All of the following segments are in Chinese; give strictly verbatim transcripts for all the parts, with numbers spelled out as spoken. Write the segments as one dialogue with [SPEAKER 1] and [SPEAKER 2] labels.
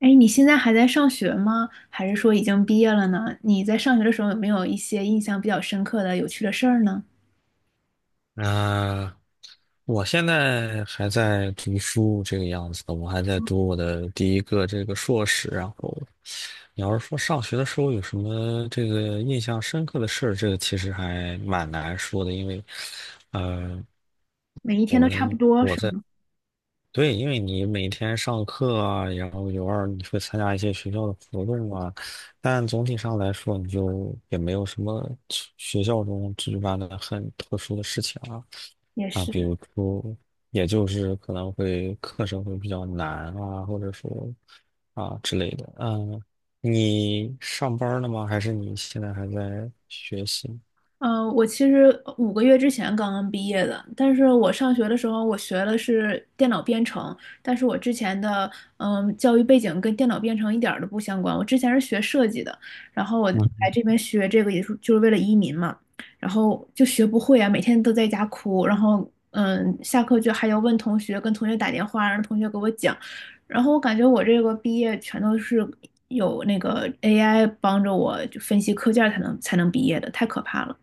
[SPEAKER 1] 哎，你现在还在上学吗？还是说已经毕业了呢？你在上学的时候有没有一些印象比较深刻的、有趣的事儿呢？
[SPEAKER 2] 呃，我现在还在读书这个样子的，我还在读我的第一个这个硕士。然后，你要是说上学的时候有什么这个印象深刻的事儿，这个其实还蛮难说的，因为，呃，
[SPEAKER 1] 每一
[SPEAKER 2] 我
[SPEAKER 1] 天都差不
[SPEAKER 2] 们
[SPEAKER 1] 多，
[SPEAKER 2] 我
[SPEAKER 1] 是
[SPEAKER 2] 在
[SPEAKER 1] 吗？
[SPEAKER 2] 对，因为你每天上课啊，然后有二你会参加一些学校的活动啊，但总体上来说，你就也没有什么学校中举办的很特殊的事情啊。
[SPEAKER 1] 也
[SPEAKER 2] 啊，比
[SPEAKER 1] 是。
[SPEAKER 2] 如说，也就是可能会课程会比较难啊，或者说啊之类的。嗯，你上班儿了吗？还是你现在还在学习？
[SPEAKER 1] 嗯，我其实五个月之前刚刚毕业的，但是我上学的时候我学的是电脑编程，但是我之前的嗯教育背景跟电脑编程一点儿都不相关，我之前是学设计的，然后我来
[SPEAKER 2] 嗯
[SPEAKER 1] 这边学这个也是就是为了移民嘛，然后就学不会啊，每天都在家哭，然后嗯下课就还要问同学，跟同学打电话让同学给我讲，然后我感觉我这个毕业全都是有那个 A I 帮着我就分析课件儿才能才能毕业的，太可怕了。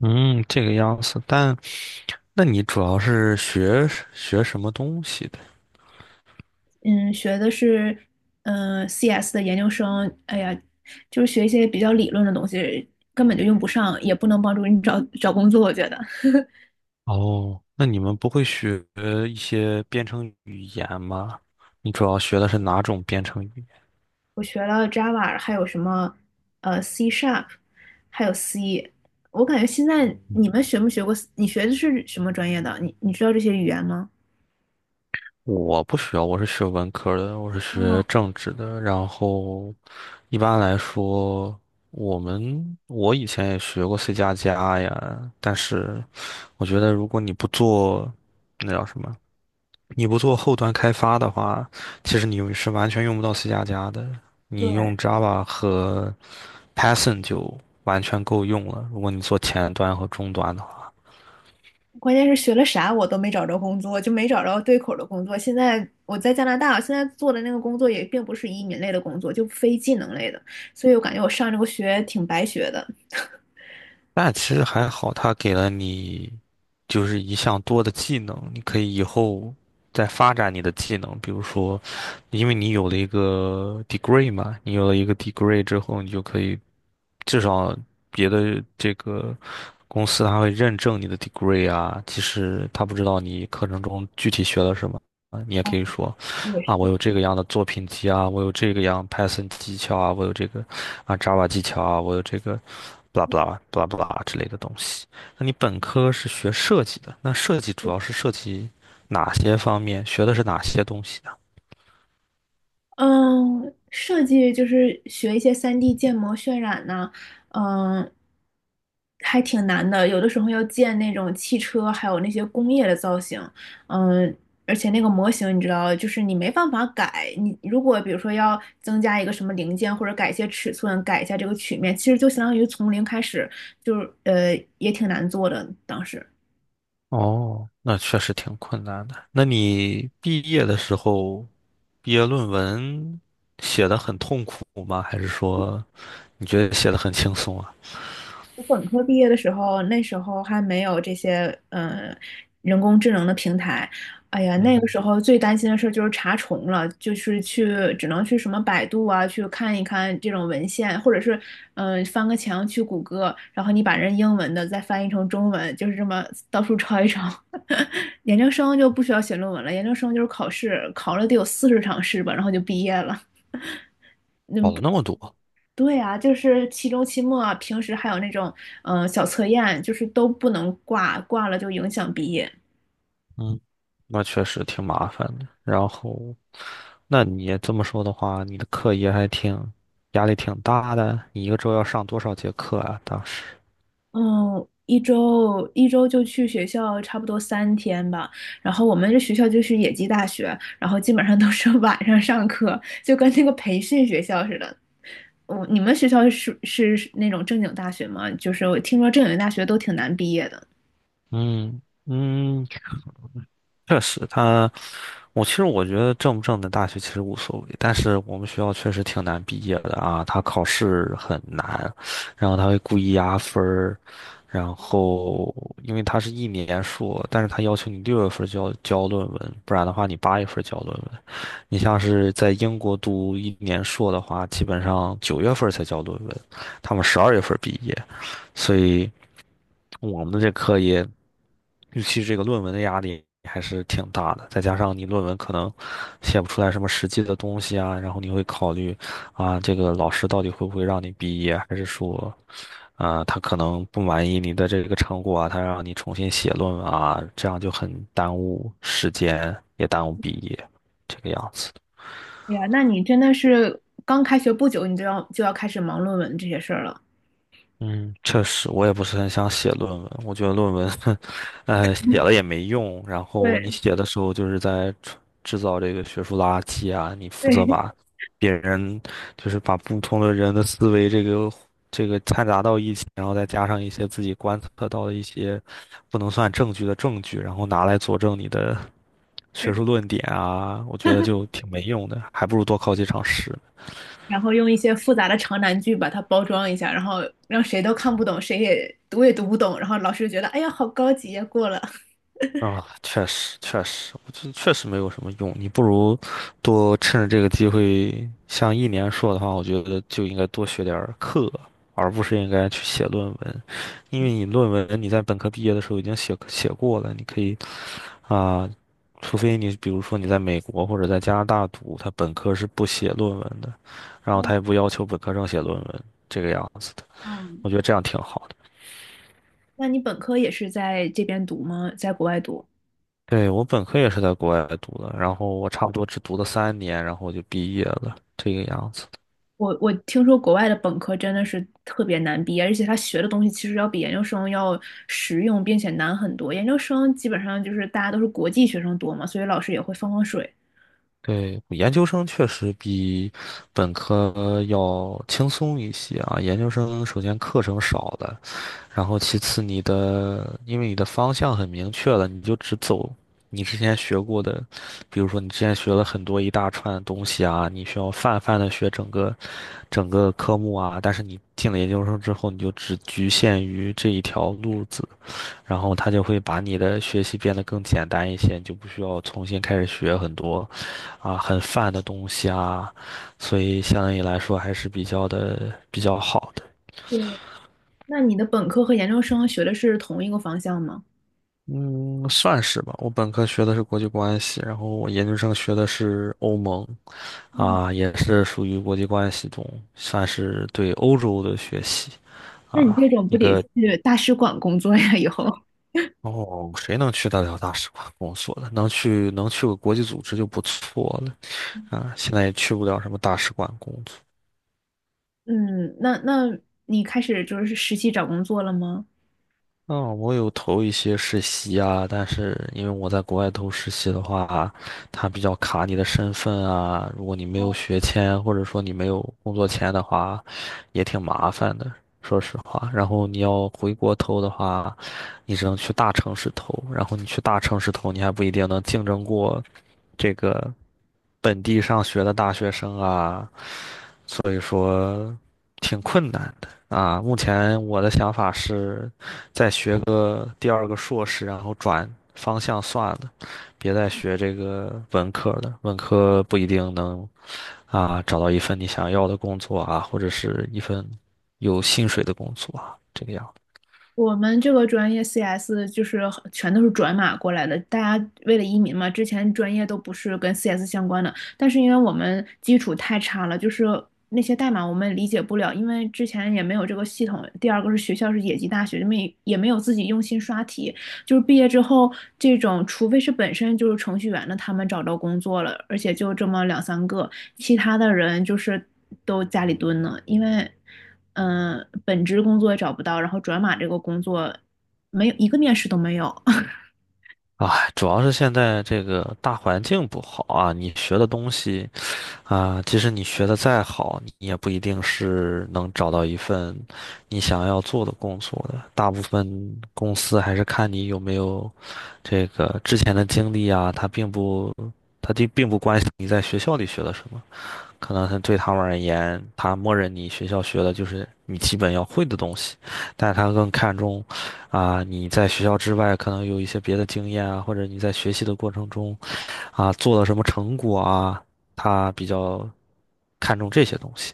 [SPEAKER 2] 嗯，这个样子。但那你主要是学学什么东西的？
[SPEAKER 1] 嗯，学的是嗯、呃 C S 的研究生，哎呀，就是学一些比较理论的东西，根本就用不上，也不能帮助你找找工作。我觉得
[SPEAKER 2] 哦，那你们不会学一些编程语言吗？你主要学的是哪种编程语？
[SPEAKER 1] 我学了 Java,还有什么呃 C Sharp,还有 C。我感觉现在你们学没学过？你学的是什么专业的？你你知道这些语言吗？
[SPEAKER 2] 我不需要，我是学文科的，我是学
[SPEAKER 1] 哦，
[SPEAKER 2] 政治的。然后，一般来说，我们我以前也学过 C 加加呀，但是我觉得如果你不做那叫什么，你不做后端开发的话，其实你是完全用不到 C 加加的。你
[SPEAKER 1] 对，
[SPEAKER 2] 用 Java 和 Python 就完全够用了。如果你做前端和终端的话。
[SPEAKER 1] 关键是学了啥我都没找着工作，就没找着对口的工作。现在我在加拿大，现在做的那个工作也并不是移民类的工作，就非技能类的，所以我感觉我上这个学挺白学的。
[SPEAKER 2] 但其实还好，他给了你就是一项多的技能，你可以以后再发展你的技能。比如说，因为你有了一个 degree 嘛，你有了一个 degree 之后，你就可以至少别的这个公司它会认证你的 degree 啊。其实他不知道你课程中具体学了什么，啊，你也可以说。啊，我有这个样的作品集啊，我有这个样 Python 技巧啊，我有这个啊 Java 技巧啊，我有这个 blah blah blah blah 之类的东西。那你本科是学设计的，那设计主要是涉及哪些方面？学的是哪些东西呢？
[SPEAKER 1] 嗯，设计就是学一些三 d 建模渲染呐、嗯，还挺难的。有的时候要建那种汽车，还有那些工业的造型，嗯，而且那个模型你知道，就是你没办法改。你如果比如说要增加一个什么零件，或者改一些尺寸，改一下这个曲面，其实就相当于从零开始，就是呃也挺难做的。当时，
[SPEAKER 2] 哦，那确实挺困难的。那你毕业的时候，毕业论文写的很痛苦吗？还是说你觉得写的很轻松啊？
[SPEAKER 1] 我本科毕业的时候，那时候还没有这些嗯、呃人工智能的平台。哎呀，那个
[SPEAKER 2] 嗯，
[SPEAKER 1] 时候最担心的事儿就是查重了，就是去只能去什么百度啊，去看一看这种文献，或者是嗯、呃翻个墙去谷歌，然后你把人英文的再翻译成中文，就是这么到处抄一抄。研究生就不需要写论文了，研究生就是考试，考了得有四十场试吧，然后就毕业了。
[SPEAKER 2] 跑了那么多。
[SPEAKER 1] 对啊，就是期中、期末啊，平时还有那种嗯、呃小测验，就是都不能挂，挂了就影响毕业。
[SPEAKER 2] 嗯，那确实挺麻烦的。然后，那你也这么说的话，你的课业还挺压力挺大的。你一个周要上多少节课啊？当时，
[SPEAKER 1] 嗯，一周一周就去学校差不多三天吧。然后我们这学校就是野鸡大学，然后基本上都是 晚上上课，就跟那个培训学校似的。我你们学校是是是那种正经大学吗？就是我听说正经大学都挺难毕业的。
[SPEAKER 2] 嗯嗯，确实，他，我其实我觉得正不正的大学其实无所谓，但是我们学校确实挺难毕业的啊，他考试很难，然后他会故意压分儿，然后因为他是一年硕，但是他要求你六月份就要交论文，不然的话你八月份交论文。你像是在英国读一年硕的话，基本上九月月份份才交论文，他们十二毕业，所以。我们的这课业，尤其是这个论文的压力还是挺大的，再加上你论文可能写不出来什么实际的东西啊，然后你会考虑啊，这个老师到底会不会让你毕业，还是说，啊，他可能不满意你的这个成果啊，他让你重新写论文啊，这样就很耽误时间，也耽误毕业，这个样子。
[SPEAKER 1] 对呀，那你真的是刚开学不久，你就要就要开始忙论文这些事儿了。
[SPEAKER 2] 嗯，确实，我也不是很想写论文。我觉得论文，呃，写了也没用。然后你
[SPEAKER 1] 对
[SPEAKER 2] 写的时候，就是在制制造这个学术垃圾啊。你负责
[SPEAKER 1] 对，
[SPEAKER 2] 把别人，就是把不同的人的思维，这个这个掺杂到一起，然后再加上一些自己观测到的一些不能算证据的证据，然后拿来佐证你的学 术论点啊。我觉得就挺没用的，还不如多考几场试。
[SPEAKER 1] 然后用一些复杂的长难句把它包装一下，然后让谁都看不懂，谁也读也读不懂，然后老师就觉得哎呀好高级呀，过了。
[SPEAKER 2] 啊，确实确实，我觉得确实没有什么用。你不如多趁着这个机会，像一年硕的话，我觉得就应该多学点儿课，而不是应该去写论文。因为你论文你在本科毕业的时候已经写写过了，你可以啊，除非你比如说你在美国或者在加拿大读，他本科是不写论文的，然后
[SPEAKER 1] 嗯
[SPEAKER 2] 他也不要求本科生写论文这个样子的，
[SPEAKER 1] 嗯，
[SPEAKER 2] 我觉得这样挺好的。
[SPEAKER 1] 那你本科也是在这边读吗？在国外读？
[SPEAKER 2] 对，我本科也是在国外读的，然后我差不多只读了三年，然后我就毕业了，这个样子。
[SPEAKER 1] 我我听说国外的本科真的是特别难毕业，而且他学的东西其实要比研究生要实用，并且难很多。研究生基本上就是大家都是国际学生多嘛，所以老师也会放放水。
[SPEAKER 2] 对，研究生确实比本科要轻松一些啊。研究生首先课程少了，然后其次你的，因为你的方向很明确了，你就只走你之前学过的，比如说你之前学了很多一大串东西啊，你需要泛泛的学整个整个科目啊，但是你进了研究生之后，你就只局限于这一条路子。然后他就会把你的学习变得更简单一些，你就不需要重新开始学很多啊很泛的东西啊，所以相对于来说还是比较的比较好的。
[SPEAKER 1] 对，那你的本科和研究生学的是同一个方向吗？
[SPEAKER 2] 嗯，算是吧。我本科学的是国际关系，然后我研究生学的是欧盟，啊，也是属于国际关系中，算是对欧洲的学习
[SPEAKER 1] 那你
[SPEAKER 2] 啊，
[SPEAKER 1] 这种不
[SPEAKER 2] 一
[SPEAKER 1] 得
[SPEAKER 2] 个
[SPEAKER 1] 去大使馆工作呀？以后，
[SPEAKER 2] 哦，谁能去得了大使馆工作呢？能去能去个国际组织就不错了啊！现在也去不了什么大使馆工作。
[SPEAKER 1] 嗯，那那你开始就是实习找工作了吗？
[SPEAKER 2] 嗯，我有投一些实习啊，但是因为我在国外投实习的话，它比较卡你的身份啊。如果你没有学签，或者说你没有工作签的话，也挺麻烦的，说实话。然后你要回国投的话，你只能去大城市投，然后你去大城市投，你还不一定能竞争过这个本地上学的大学生啊，所以说挺困难的啊。目前我的想法是。再学个第二个硕士，然后转方向算了，别再学这个文科的，文科不一定能啊找到一份你想要的工作啊，或者是一份有薪水的工作啊，这个样子。
[SPEAKER 1] 我们这个专业 C S 就是很全都是转码过来的，大家为了移民嘛，之前专业都不是跟 C S 相关的，但是因为我们基础太差了，就是那些代码我们理解不了，因为之前也没有这个系统。第二个是学校是野鸡大学，没也没有自己用心刷题，就是毕业之后这种，除非是本身就是程序员的，他们找到工作了，而且就这么两三个，其他的人就是都家里蹲呢，因为。嗯、呃本职工作也找不到，然后转码这个工作没有一个面试都没有。
[SPEAKER 2] 哎主要是现在这个大环境不好啊，你学的东西啊，即使你学的再好，你也不一定是能找到一份你想要做的工作的。大部分公司还是看你有没有这个之前的经历啊，他并不，他并并不关心你在学校里学了什么，可能它对他们而言，他默认你学校学的就是你基本要会的东西，但是他更看重，啊、你在学校之外可能有一些别的经验啊，或者你在学习的过程中啊、做了什么成果啊，他比较看重这些东西。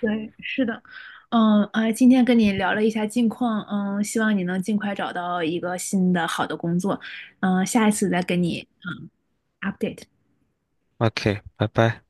[SPEAKER 1] 对，是的，嗯啊，今天跟你聊了一下近况，嗯，希望你能尽快找到一个新的好的工作，嗯，下一次再跟你嗯 update。
[SPEAKER 2] O K，拜拜。